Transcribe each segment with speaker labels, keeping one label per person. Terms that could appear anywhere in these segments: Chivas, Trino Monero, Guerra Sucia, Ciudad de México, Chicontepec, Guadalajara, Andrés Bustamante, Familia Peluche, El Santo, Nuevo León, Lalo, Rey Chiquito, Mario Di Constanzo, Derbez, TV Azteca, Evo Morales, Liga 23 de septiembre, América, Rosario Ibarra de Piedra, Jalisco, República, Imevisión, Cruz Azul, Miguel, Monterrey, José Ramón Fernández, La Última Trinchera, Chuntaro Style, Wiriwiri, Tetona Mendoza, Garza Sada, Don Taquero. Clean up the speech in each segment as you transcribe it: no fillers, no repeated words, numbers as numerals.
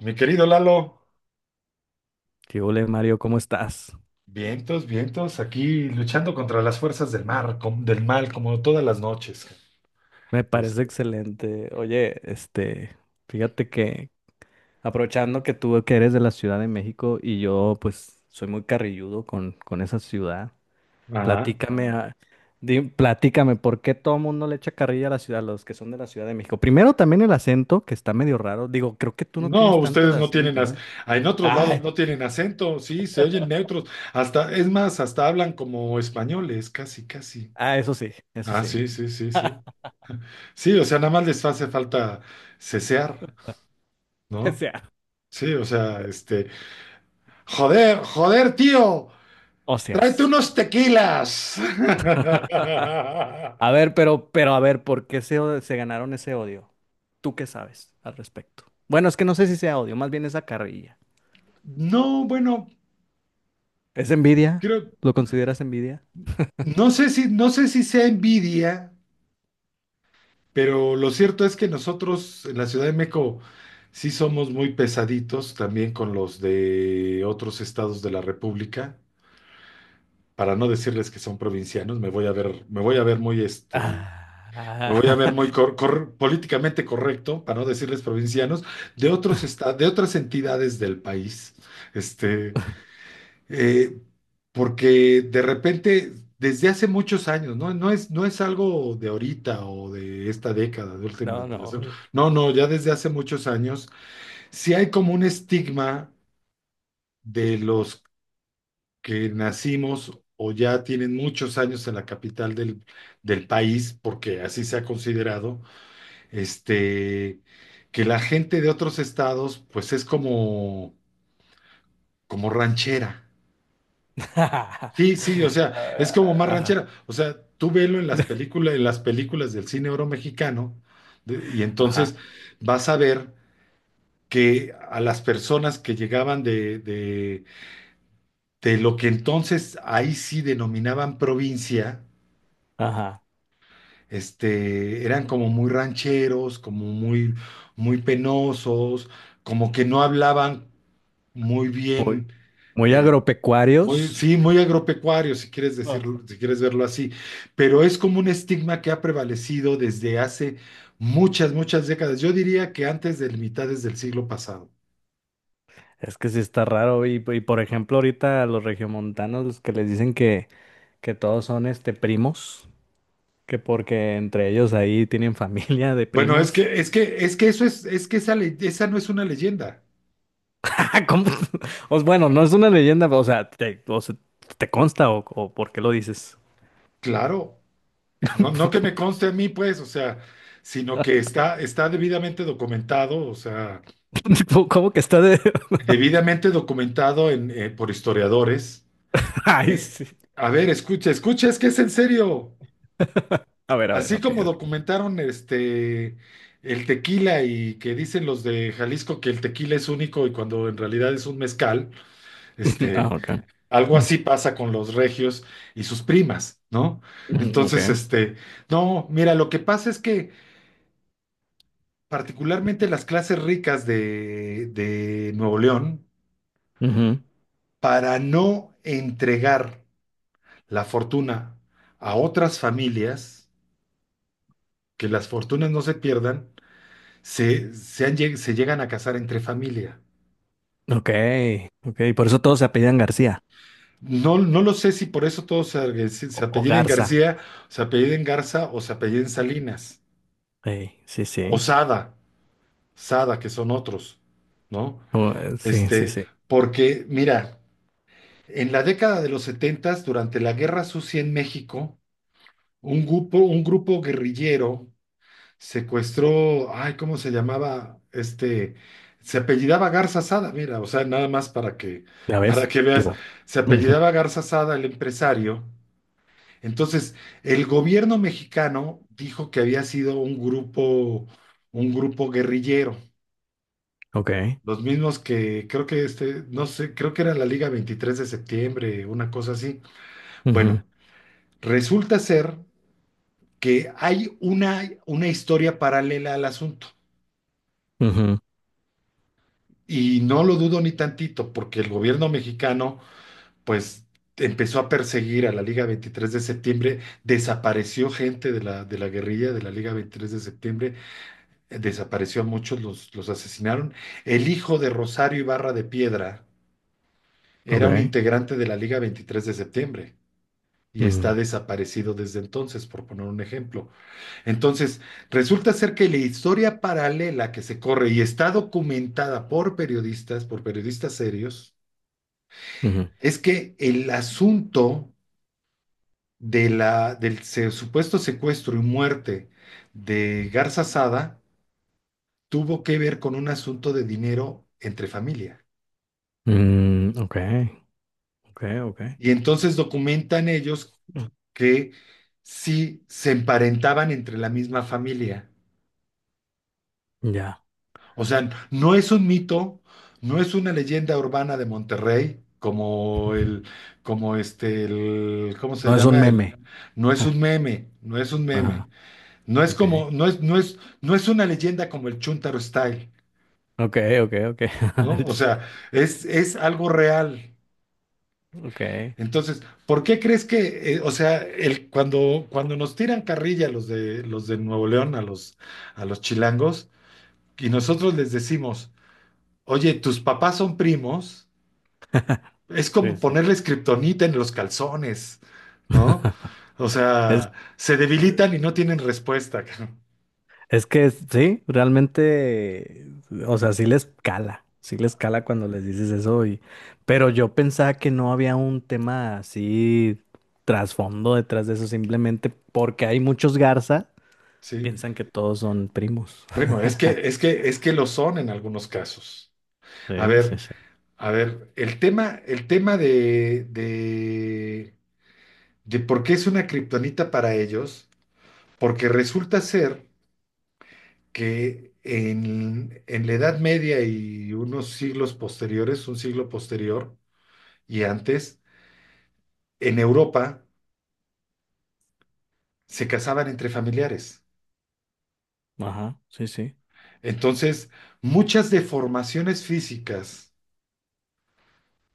Speaker 1: Mi querido Lalo,
Speaker 2: ¿Qué ole, Mario? ¿Cómo estás?
Speaker 1: vientos, vientos, aquí luchando contra las fuerzas del mar, del mal, como todas las noches.
Speaker 2: Me parece
Speaker 1: Este,
Speaker 2: excelente. Oye, fíjate que aprovechando que tú que eres de la Ciudad de México y yo pues soy muy carrilludo con esa ciudad,
Speaker 1: ajá.
Speaker 2: platícame, platícame, ¿por qué todo el mundo le echa carrilla a la ciudad, los que son de la Ciudad de México? Primero también el acento, que está medio raro. Digo, creo que tú no
Speaker 1: No,
Speaker 2: tienes tanto el
Speaker 1: ustedes no tienen,
Speaker 2: acento, ¿eh?
Speaker 1: en otros lados
Speaker 2: Ay,
Speaker 1: no tienen acento, sí, se oyen neutros, hasta, es más, hasta hablan como españoles, casi, casi.
Speaker 2: ah, eso sí, eso
Speaker 1: Ah,
Speaker 2: sí.
Speaker 1: sí, sí, sí, sí. Sí, o sea, nada más les hace falta cesear,
Speaker 2: O
Speaker 1: ¿no?
Speaker 2: sea,
Speaker 1: Sí, o sea, joder, joder, tío,
Speaker 2: o
Speaker 1: tráete unos tequilas.
Speaker 2: a ver, pero a ver, ¿por qué se, o- ¿se ganaron ese odio? ¿Tú qué sabes al respecto? Bueno, es que no sé si sea odio, más bien esa carrilla.
Speaker 1: No, bueno,
Speaker 2: ¿Es envidia?
Speaker 1: creo,
Speaker 2: ¿Lo consideras envidia?
Speaker 1: no sé si sea envidia, pero lo cierto es que nosotros en la Ciudad de México sí somos muy pesaditos también con los de otros estados de la República. Para no decirles que son provincianos, me voy a ver, me voy a ver
Speaker 2: Ah,
Speaker 1: muy políticamente correcto, para no decirles provincianos, de otras entidades del país. Este, Eh, porque de repente, desde hace muchos años, ¿no? No es algo de ahorita o de esta década, de última,
Speaker 2: no, no.
Speaker 1: no, no, ya desde hace muchos años, sí hay como un estigma de los que nacimos o ya tienen muchos años en la capital del país, porque así se ha considerado, este, que la gente de otros estados, pues es como, ranchera. Sí, sí, o sea, es
Speaker 2: Ah,
Speaker 1: como más
Speaker 2: ah,
Speaker 1: ranchera. O sea, tú velo en las películas del cine oro mexicano, y entonces
Speaker 2: ajá,
Speaker 1: vas a ver que a las personas que llegaban de lo que entonces ahí sí denominaban provincia,
Speaker 2: ajá.
Speaker 1: eran como muy rancheros, como muy, muy penosos, como que no hablaban muy
Speaker 2: Muy,
Speaker 1: bien.
Speaker 2: muy
Speaker 1: Muy,
Speaker 2: agropecuarios.
Speaker 1: sí, muy agropecuario, si quieres
Speaker 2: No.
Speaker 1: decirlo, si quieres verlo así, pero es como un estigma que ha prevalecido desde hace muchas, muchas décadas. Yo diría que antes de mitades del siglo pasado.
Speaker 2: Es que sí está raro. Y por ejemplo, ahorita los regiomontanos, los que les dicen que todos son este primos. Que porque entre ellos ahí tienen familia de
Speaker 1: Bueno, es
Speaker 2: primos.
Speaker 1: que, es que, es que esa, esa no es una leyenda.
Speaker 2: Ah, ¿cómo? Os- bueno, no es una leyenda, o sea, ¿te consta o por qué lo dices?
Speaker 1: Claro, no, no que me conste a mí, pues, o sea, sino que está debidamente documentado, o sea,
Speaker 2: Tipo, ¿cómo que está de...?
Speaker 1: debidamente documentado por historiadores.
Speaker 2: Ay,
Speaker 1: Eh,
Speaker 2: sí.
Speaker 1: A ver, escucha, escucha, es que es en serio.
Speaker 2: A ver,
Speaker 1: Así
Speaker 2: ok,
Speaker 1: como documentaron el tequila y que dicen los de Jalisco que el tequila es único y cuando en realidad es un mezcal,
Speaker 2: ok. Ah,
Speaker 1: este,
Speaker 2: ok.
Speaker 1: algo así pasa con los regios y sus primas, ¿no?
Speaker 2: Mm, ok.
Speaker 1: Entonces, no, mira, lo que pasa es que particularmente las clases ricas de Nuevo León,
Speaker 2: Ujú.
Speaker 1: para no entregar la fortuna a otras familias, que las fortunas no se pierdan, se llegan a casar entre familia.
Speaker 2: Ok, ok. Por eso todos se apellidan García
Speaker 1: No, no lo sé si por eso todos se,
Speaker 2: o
Speaker 1: apelliden
Speaker 2: Garza.
Speaker 1: García, se apelliden Garza o se apelliden Salinas,
Speaker 2: Ey, sí,
Speaker 1: o
Speaker 2: sí.
Speaker 1: Sada, Sada, que son otros, ¿no?
Speaker 2: O, sí, sí,
Speaker 1: Este,
Speaker 2: sí.
Speaker 1: porque, mira, en la década de los setentas, durante la Guerra Sucia en México, un grupo guerrillero secuestró, ay, ¿cómo se llamaba? Se apellidaba Garza Sada, mira, o sea, nada más para que,
Speaker 2: ¿Ya
Speaker 1: para
Speaker 2: ves?
Speaker 1: que
Speaker 2: Qué
Speaker 1: veas,
Speaker 2: va.
Speaker 1: se
Speaker 2: Ujú.
Speaker 1: apellidaba Garza Sada, el empresario. Entonces, el gobierno mexicano dijo que había sido un grupo guerrillero,
Speaker 2: Ok.
Speaker 1: los mismos que creo que no sé, creo que era la Liga 23 de septiembre, una cosa así.
Speaker 2: Ujú,
Speaker 1: Bueno, resulta ser que hay una historia paralela al asunto.
Speaker 2: ujú,
Speaker 1: Y no lo dudo ni tantito, porque el gobierno mexicano, pues, empezó a perseguir a la Liga 23 de septiembre, desapareció gente de la, guerrilla de la Liga 23 de septiembre, desapareció a muchos, los asesinaron. El hijo de Rosario Ibarra de Piedra
Speaker 2: ok.
Speaker 1: era un integrante de la Liga 23 de septiembre. Y está
Speaker 2: Ujú,
Speaker 1: desaparecido desde entonces, por poner un ejemplo. Entonces, resulta ser que la historia paralela que se corre y está documentada por periodistas serios,
Speaker 2: ujú.
Speaker 1: es que el asunto de la, supuesto secuestro y muerte de Garza Sada tuvo que ver con un asunto de dinero entre familia.
Speaker 2: Mm, ok, ok, ok.
Speaker 1: Y entonces documentan ellos que sí se emparentaban entre la misma familia.
Speaker 2: Ya.
Speaker 1: O sea, no es un mito, no es una leyenda urbana de Monterrey, como el, el, ¿cómo se
Speaker 2: No es un
Speaker 1: llama? El,
Speaker 2: meme.
Speaker 1: no es un meme.
Speaker 2: Ajá, ok.
Speaker 1: No es una leyenda como el Chuntaro Style,
Speaker 2: Ok, ok, ok.
Speaker 1: ¿no? O sea, es algo real.
Speaker 2: Ok,
Speaker 1: Entonces, ¿por qué crees que, o sea, cuando nos tiran carrilla los de Nuevo León a los chilangos y nosotros les decimos, oye, tus papás son primos, es
Speaker 2: sí,
Speaker 1: como
Speaker 2: sí.
Speaker 1: ponerles kriptonita en los calzones, ¿no? O
Speaker 2: Es,
Speaker 1: sea, se debilitan y no tienen respuesta,
Speaker 2: es que sí, realmente, o sea, sí les cala cuando les dices eso. Y, pero yo pensaba que no había un tema así trasfondo detrás de eso, simplemente porque hay muchos Garza,
Speaker 1: ¿sí?
Speaker 2: piensan que todos son primos.
Speaker 1: Bueno, es que, es que, es que lo son en algunos casos. A
Speaker 2: Sí,
Speaker 1: ver,
Speaker 2: sí, sí.
Speaker 1: a ver, el tema de, por qué es una kriptonita para ellos, porque resulta ser que en la Edad Media y unos siglos posteriores, un siglo posterior y antes, en Europa se casaban entre familiares.
Speaker 2: Ajá, sí, sí.
Speaker 1: Entonces, muchas deformaciones físicas,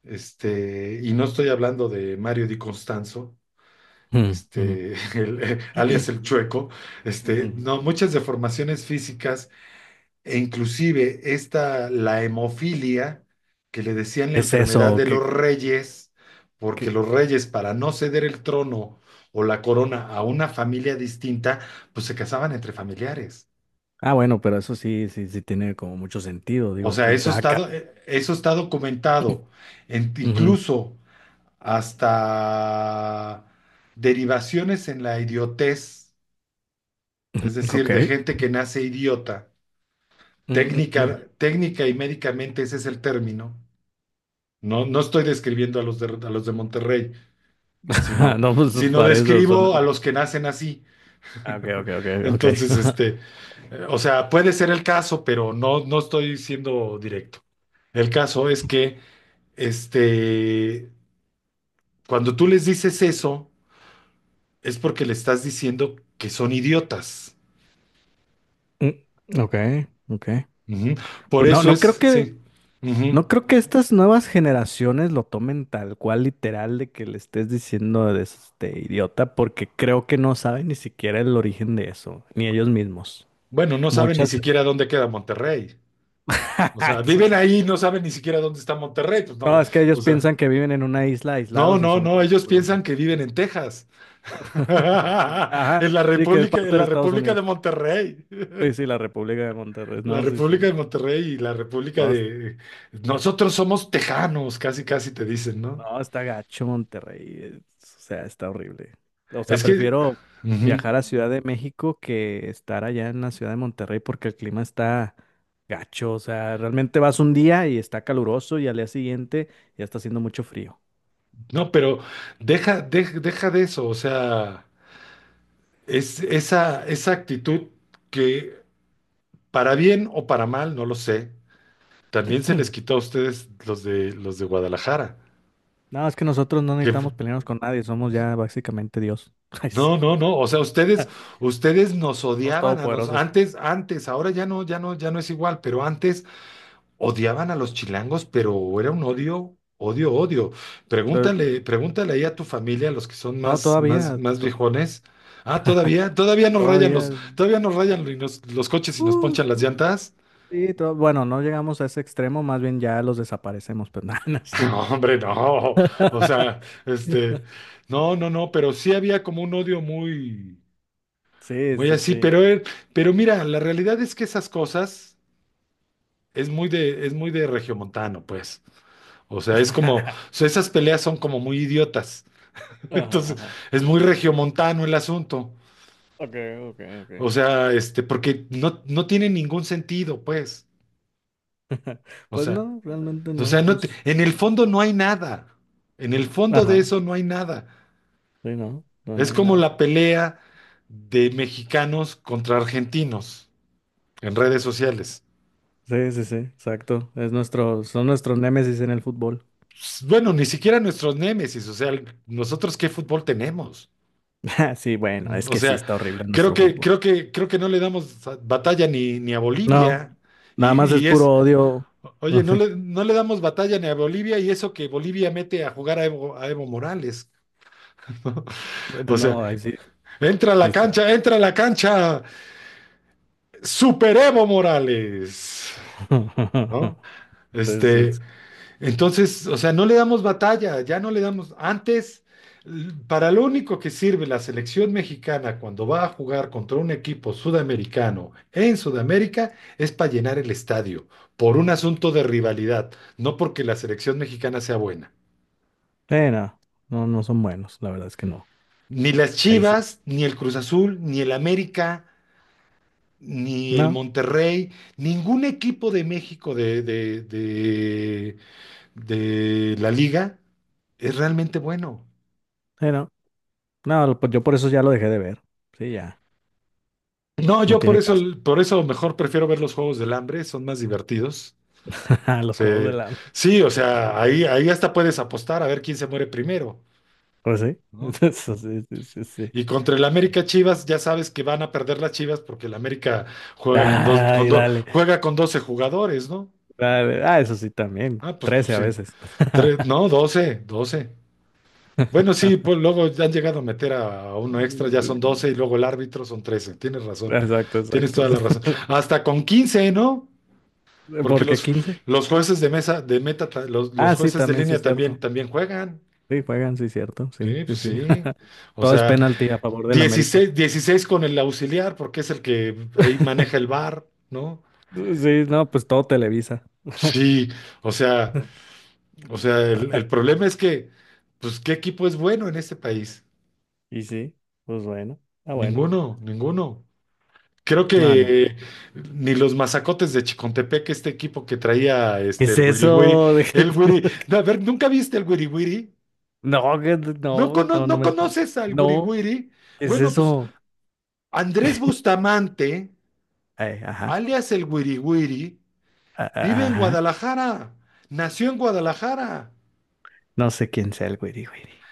Speaker 1: y no estoy hablando de Mario Di Constanzo,
Speaker 2: Mm, ujú.
Speaker 1: alias el chueco,
Speaker 2: Ujú.
Speaker 1: no, muchas deformaciones físicas e inclusive esta, la hemofilia, que le decían la
Speaker 2: Es
Speaker 1: enfermedad
Speaker 2: eso,
Speaker 1: de los reyes, porque
Speaker 2: que...
Speaker 1: los reyes para no ceder el trono o la corona a una familia distinta, pues se casaban entre familiares.
Speaker 2: Ah, bueno, pero eso sí, sí, sí tiene como mucho sentido.
Speaker 1: O
Speaker 2: Digo,
Speaker 1: sea,
Speaker 2: pues
Speaker 1: eso
Speaker 2: da
Speaker 1: está,
Speaker 2: acá.
Speaker 1: do- eh, eso está documentado,
Speaker 2: Ujú.
Speaker 1: incluso hasta derivaciones en la idiotez, es decir,
Speaker 2: Ok.
Speaker 1: de gente que nace idiota.
Speaker 2: Mm, mm,
Speaker 1: Técnica,
Speaker 2: mm.
Speaker 1: técnica y médicamente ese es el término. No, no estoy describiendo a los de, Monterrey, sino,
Speaker 2: No, pues
Speaker 1: sino
Speaker 2: parece, suena.
Speaker 1: describo a los que nacen así.
Speaker 2: Ah, ok, ok, ok, ok.
Speaker 1: Entonces, o sea, puede ser el caso, pero no, no estoy siendo directo. El caso es que, este, cuando tú les dices eso, es porque le estás diciendo que son idiotas.
Speaker 2: Mm, ok, ok.
Speaker 1: Ujú. Por
Speaker 2: Pues No,
Speaker 1: eso
Speaker 2: no creo
Speaker 1: es,
Speaker 2: que,
Speaker 1: sí. Ujú.
Speaker 2: no creo que estas nuevas generaciones lo tomen tal cual literal de que le estés diciendo de este idiota, porque creo que no saben ni siquiera el origen de eso, ni ellos mismos.
Speaker 1: Bueno, no saben ni
Speaker 2: Muchas.
Speaker 1: siquiera dónde queda Monterrey. O sea, viven ahí, y no saben ni siquiera dónde está Monterrey. Pues no,
Speaker 2: No, es que
Speaker 1: o
Speaker 2: ellos
Speaker 1: sea,
Speaker 2: piensan que viven en una isla
Speaker 1: no,
Speaker 2: aislados y
Speaker 1: no,
Speaker 2: son
Speaker 1: no,
Speaker 2: todos
Speaker 1: ellos piensan
Speaker 2: poderosos.
Speaker 1: que viven en Texas.
Speaker 2: Ajá,
Speaker 1: En la
Speaker 2: sí, que es
Speaker 1: República, en
Speaker 2: parte de
Speaker 1: la
Speaker 2: Estados
Speaker 1: República de
Speaker 2: Unidos.
Speaker 1: Monterrey.
Speaker 2: Sí, sí, la República de Monterrey.
Speaker 1: La
Speaker 2: No, sí,
Speaker 1: República
Speaker 2: sí.
Speaker 1: de Monterrey y la República
Speaker 2: No, es-
Speaker 1: de... Nosotros somos tejanos, casi, casi te dicen, ¿no?
Speaker 2: no, Está gacho Monterrey. O sea, está horrible. O sea,
Speaker 1: Es que...
Speaker 2: prefiero
Speaker 1: ujú.
Speaker 2: viajar a Ciudad de México que estar allá en la Ciudad de Monterrey porque el clima está gacho. O sea, realmente vas un día y está caluroso y al día siguiente ya está haciendo mucho frío.
Speaker 1: No, pero deja, deja, deja de eso, o sea, es esa actitud que para bien o para mal, no lo sé. También se les quitó a ustedes los de Guadalajara.
Speaker 2: No, es que nosotros no
Speaker 1: Que f-
Speaker 2: necesitamos pelearnos con nadie. Somos ya básicamente Dios. Ay, sí.
Speaker 1: no, no, no. O sea, ustedes nos
Speaker 2: Somos
Speaker 1: odiaban a nos.
Speaker 2: todopoderosos.
Speaker 1: Antes, antes, ahora ya no, ya no, ya no es igual, pero antes odiaban a los chilangos, pero era un odio, odio, odio.
Speaker 2: To-
Speaker 1: Pregúntale, pregúntale ahí a tu familia, los que son
Speaker 2: No,
Speaker 1: más, más,
Speaker 2: todavía,
Speaker 1: más viejones. Ah, todavía, todavía
Speaker 2: todavía.
Speaker 1: nos rayan los coches y nos ponchan
Speaker 2: us,
Speaker 1: las
Speaker 2: us,
Speaker 1: llantas.
Speaker 2: sí, bueno, no llegamos a ese extremo, más bien ya los desaparecemos, pero nada, no es
Speaker 1: No,
Speaker 2: cierto.
Speaker 1: hombre, no. O sea, este, no, no, no, pero sí había como un odio muy,
Speaker 2: Sí,
Speaker 1: muy
Speaker 2: sí,
Speaker 1: así,
Speaker 2: sí.
Speaker 1: pero, pero mira, la realidad es que esas cosas es muy de regiomontano, pues. O sea, o
Speaker 2: Ajá,
Speaker 1: sea, esas peleas son como muy idiotas.
Speaker 2: ajá,
Speaker 1: Entonces,
Speaker 2: ajá.
Speaker 1: es muy regiomontano el asunto.
Speaker 2: Okay, okay,
Speaker 1: O
Speaker 2: okay.
Speaker 1: sea, porque no tiene ningún sentido, pues. O
Speaker 2: Pues
Speaker 1: sea,
Speaker 2: no, realmente no.
Speaker 1: no te-
Speaker 2: Pues,
Speaker 1: en el fondo no hay nada. En el fondo de
Speaker 2: ajá,
Speaker 1: eso no hay nada.
Speaker 2: sí, no, no,
Speaker 1: Es
Speaker 2: no hay
Speaker 1: como la
Speaker 2: nada.
Speaker 1: pelea de mexicanos contra argentinos en redes sociales.
Speaker 2: Sí, sí, sí, exacto. Es nuestro, son nuestros némesis en el fútbol.
Speaker 1: Bueno, ni siquiera nuestros némesis, o sea, nosotros qué fútbol tenemos.
Speaker 2: Sí, bueno, es
Speaker 1: O
Speaker 2: que sí
Speaker 1: sea,
Speaker 2: está horrible
Speaker 1: creo
Speaker 2: nuestro
Speaker 1: que,
Speaker 2: fútbol.
Speaker 1: creo que, creo que no le damos batalla ni a
Speaker 2: No.
Speaker 1: Bolivia. Y,
Speaker 2: Nada más es
Speaker 1: y es,
Speaker 2: puro odio.
Speaker 1: oye, no le, no le damos batalla ni a Bolivia y eso que Bolivia mete a jugar a Evo Morales.
Speaker 2: Sí.
Speaker 1: O
Speaker 2: No, ahí
Speaker 1: sea,
Speaker 2: sí,
Speaker 1: entra a
Speaker 2: sí
Speaker 1: la
Speaker 2: está.
Speaker 1: cancha, entra a la cancha, Super Evo Morales, ¿no?
Speaker 2: Pues,
Speaker 1: Este,
Speaker 2: es-
Speaker 1: entonces, o sea, no le damos batalla, ya no le damos. Antes, para lo único que sirve la selección mexicana cuando va a jugar contra un equipo sudamericano en Sudamérica es para llenar el estadio, por un asunto de rivalidad, no porque la selección mexicana sea buena.
Speaker 2: no, no, no son buenos, la verdad es que no.
Speaker 1: Ni las
Speaker 2: Ahí sí.
Speaker 1: Chivas, ni el Cruz Azul, ni el América, ni el
Speaker 2: No,
Speaker 1: Monterrey, ningún equipo de México de, de la liga es realmente bueno.
Speaker 2: no. Pues yo por eso ya lo dejé de ver. Sí, ya,
Speaker 1: No,
Speaker 2: no
Speaker 1: yo por
Speaker 2: tiene
Speaker 1: eso,
Speaker 2: caso.
Speaker 1: por eso mejor prefiero ver los juegos del hambre, son más divertidos.
Speaker 2: Los juegos
Speaker 1: Este,
Speaker 2: del hambre.
Speaker 1: sí, o sea, ahí hasta puedes apostar a ver quién se muere primero,
Speaker 2: Pues sí.
Speaker 1: ¿no?
Speaker 2: Eso sí, sí, sí, sí.
Speaker 1: Y contra el
Speaker 2: Bueno.
Speaker 1: América Chivas, ya sabes que van a perder las Chivas porque el América juega con
Speaker 2: Ay,
Speaker 1: dos,
Speaker 2: dale,
Speaker 1: juega con 12 jugadores, ¿no?
Speaker 2: dale. Ah, eso sí también.
Speaker 1: Ah, pues
Speaker 2: Trece a
Speaker 1: sí.
Speaker 2: veces.
Speaker 1: Tres, no, doce. Bueno, sí, pues luego ya han llegado a meter a uno extra, ya
Speaker 2: Sí,
Speaker 1: son 12 y luego el árbitro son 13. Tienes razón,
Speaker 2: exacto,
Speaker 1: tienes
Speaker 2: exacto.
Speaker 1: toda la razón. Hasta con 15, ¿no? Porque
Speaker 2: ¿Por qué
Speaker 1: los,
Speaker 2: 15?
Speaker 1: los jueces de mesa, de meta, los,
Speaker 2: Ah, sí,
Speaker 1: jueces de
Speaker 2: también sí es
Speaker 1: línea también,
Speaker 2: cierto.
Speaker 1: también juegan.
Speaker 2: Sí, juegan, sí, cierto. Sí,
Speaker 1: Sí,
Speaker 2: sí,
Speaker 1: pues
Speaker 2: sí.
Speaker 1: sí. O
Speaker 2: Todo es
Speaker 1: sea,
Speaker 2: penalti a favor del América.
Speaker 1: dieciséis con el auxiliar, porque es el que ahí maneja el bar, ¿no?
Speaker 2: Sí, no, pues todo Televisa.
Speaker 1: Sí, o sea, el problema es que, pues, ¿qué equipo es bueno en este país?
Speaker 2: Y sí, pues bueno. Ah, bueno.
Speaker 1: Ninguno, ninguno. Creo
Speaker 2: No, ni-
Speaker 1: que ni los mazacotes de Chicontepec, este equipo que traía
Speaker 2: ¿Qué es
Speaker 1: el Wiri Wiri,
Speaker 2: eso? ¿De
Speaker 1: el Wiri,
Speaker 2: qué-
Speaker 1: no, a ver, ¿nunca viste el Wiri Wiri?
Speaker 2: no,
Speaker 1: ¿No,
Speaker 2: no, no, no
Speaker 1: no
Speaker 2: me.
Speaker 1: conoces al
Speaker 2: No,
Speaker 1: Wiriwiri?
Speaker 2: ¿qué es
Speaker 1: Bueno, pues
Speaker 2: eso?
Speaker 1: Andrés Bustamante,
Speaker 2: Ay, ajá,
Speaker 1: alias el Wiriwiri, vive en
Speaker 2: ajá.
Speaker 1: Guadalajara, nació en Guadalajara.
Speaker 2: No sé quién sea el güiri güiri.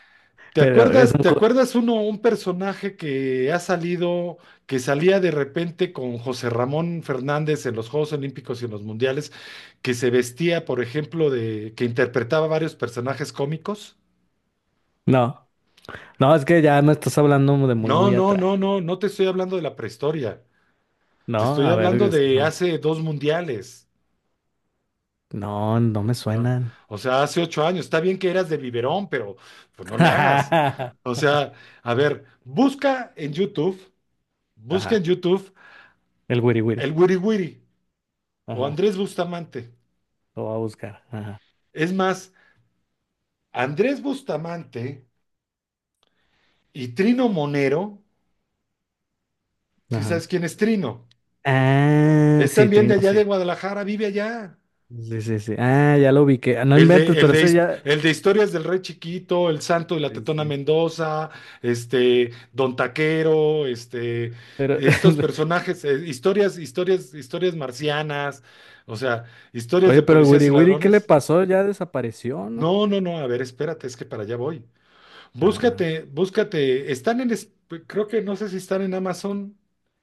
Speaker 1: ¿Te
Speaker 2: Pero es
Speaker 1: acuerdas,
Speaker 2: un.
Speaker 1: te
Speaker 2: Co-
Speaker 1: acuerdas uno, un personaje que ha salido, que salía de repente con José Ramón Fernández en los Juegos Olímpicos y en los Mundiales, que se vestía, por ejemplo, que interpretaba varios personajes cómicos.
Speaker 2: No, no, es que ya me estás hablando de muy,
Speaker 1: No,
Speaker 2: muy
Speaker 1: no,
Speaker 2: atrás.
Speaker 1: no, no, no te estoy hablando de la prehistoria, te
Speaker 2: No,
Speaker 1: estoy
Speaker 2: a ver,
Speaker 1: hablando
Speaker 2: es que
Speaker 1: de
Speaker 2: no.
Speaker 1: hace dos mundiales.
Speaker 2: No, no me
Speaker 1: Ah,
Speaker 2: suenan.
Speaker 1: o sea, hace 8 años, está bien que eras de biberón, pero pues no le hagas.
Speaker 2: Ajá.
Speaker 1: O sea, a ver,
Speaker 2: Ajá,
Speaker 1: busca en YouTube
Speaker 2: el wiri
Speaker 1: el
Speaker 2: wiri.
Speaker 1: Wiri Wiri o
Speaker 2: Ajá.
Speaker 1: Andrés Bustamante.
Speaker 2: Lo va a buscar. Ajá.
Speaker 1: Es más, Andrés Bustamante y Trino Monero, si
Speaker 2: Ajá.
Speaker 1: sabes quién es Trino,
Speaker 2: Ah,
Speaker 1: es
Speaker 2: sí,
Speaker 1: también de
Speaker 2: Trino,
Speaker 1: allá
Speaker 2: sí.
Speaker 1: de Guadalajara, vive allá.
Speaker 2: Sí, sí, sí. Ah, ya lo vi que. No inventes, pero ese ya.
Speaker 1: El de Historias del Rey Chiquito, El Santo y la
Speaker 2: Sí,
Speaker 1: Tetona
Speaker 2: sí.
Speaker 1: Mendoza, Don Taquero,
Speaker 2: Pero,
Speaker 1: estos personajes, historias, marcianas, o sea, historias
Speaker 2: oye,
Speaker 1: de
Speaker 2: pero el
Speaker 1: policías y
Speaker 2: wiri wiri, ¿qué le
Speaker 1: ladrones.
Speaker 2: pasó? Ya desapareció, ¿no?
Speaker 1: No, no, no, a ver, espérate, es que para allá voy.
Speaker 2: Ah,
Speaker 1: Búscate, búscate, creo que no sé si están en Amazon,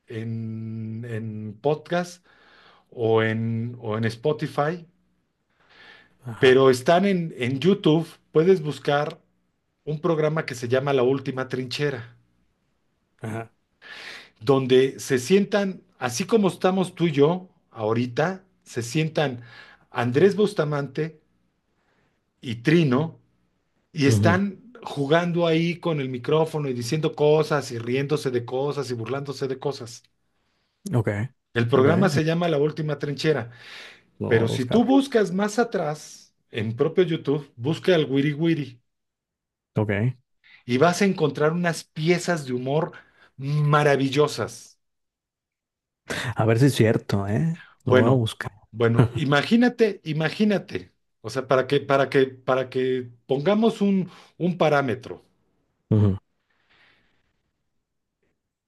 Speaker 1: en podcast o en Spotify,
Speaker 2: ajá,
Speaker 1: pero están en, YouTube, puedes buscar un programa que se llama La Última Trinchera,
Speaker 2: ajá.
Speaker 1: donde se sientan, así como estamos tú y yo ahorita, se sientan Andrés Bustamante y Trino y
Speaker 2: Ujú.
Speaker 1: están jugando ahí con el micrófono y diciendo cosas y riéndose de cosas y burlándose de cosas.
Speaker 2: Ok,
Speaker 1: El
Speaker 2: ok.
Speaker 1: programa se llama La Última Trinchera,
Speaker 2: Lo voy
Speaker 1: pero
Speaker 2: a
Speaker 1: si tú
Speaker 2: buscar.
Speaker 1: buscas más atrás, en propio YouTube, busca el Wiri Wiri
Speaker 2: Ok.
Speaker 1: y vas a encontrar unas piezas de humor maravillosas.
Speaker 2: A ver si es cierto, ¿eh? Lo voy a
Speaker 1: Bueno,
Speaker 2: buscar.
Speaker 1: bueno, imagínate, imagínate, o sea, para que, pongamos un parámetro.
Speaker 2: Ujú.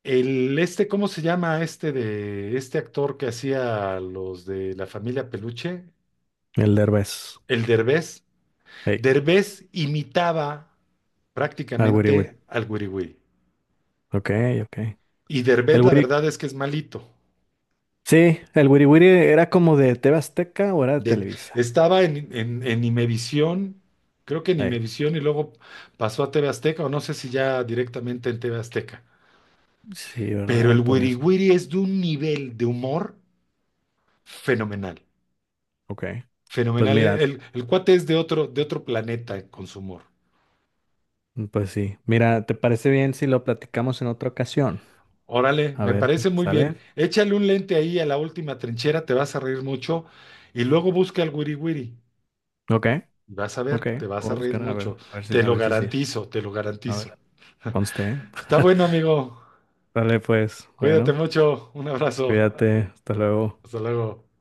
Speaker 1: ¿Cómo se llama este de este actor que hacía los de la familia Peluche?
Speaker 2: El Derbez.
Speaker 1: El Derbez.
Speaker 2: Hey,
Speaker 1: Derbez imitaba
Speaker 2: al wiri wiri.
Speaker 1: prácticamente al Wiriwiri.
Speaker 2: Ok, ok.
Speaker 1: Y
Speaker 2: El
Speaker 1: Derbez, la
Speaker 2: wiri.
Speaker 1: verdad es que es malito.
Speaker 2: Sí, el Wiri Wiri era como de TV Azteca o era de
Speaker 1: De-
Speaker 2: Televisa.
Speaker 1: estaba en, Imevisión, creo que en
Speaker 2: Ey,
Speaker 1: Imevisión y luego pasó a TV Azteca, o no sé si ya directamente en TV Azteca.
Speaker 2: sí,
Speaker 1: Pero el
Speaker 2: ¿verdad? Por
Speaker 1: Wiri
Speaker 2: eso.
Speaker 1: Wiri es de un nivel de humor fenomenal.
Speaker 2: Ok. Pues
Speaker 1: Fenomenal.
Speaker 2: mira,
Speaker 1: El cuate es de otro planeta con su humor.
Speaker 2: pues sí. Mira, ¿te parece bien si lo platicamos en otra ocasión?
Speaker 1: Órale,
Speaker 2: A
Speaker 1: me
Speaker 2: ver,
Speaker 1: parece muy bien.
Speaker 2: ¿sale?
Speaker 1: Échale un lente ahí a la última trinchera, te vas a reír mucho. Y luego busca al Wiri Wiri
Speaker 2: Ok,
Speaker 1: y vas a ver,
Speaker 2: ok.
Speaker 1: te vas
Speaker 2: Voy
Speaker 1: a
Speaker 2: a
Speaker 1: reír
Speaker 2: buscar,
Speaker 1: mucho. Te
Speaker 2: a
Speaker 1: lo
Speaker 2: ver si sí.
Speaker 1: garantizo, te lo
Speaker 2: A
Speaker 1: garantizo.
Speaker 2: ver, conste. ¿Eh?
Speaker 1: Está bueno, amigo.
Speaker 2: Sale pues,
Speaker 1: Cuídate
Speaker 2: bueno,
Speaker 1: mucho, un abrazo,
Speaker 2: cuídate, hasta luego.
Speaker 1: hasta luego.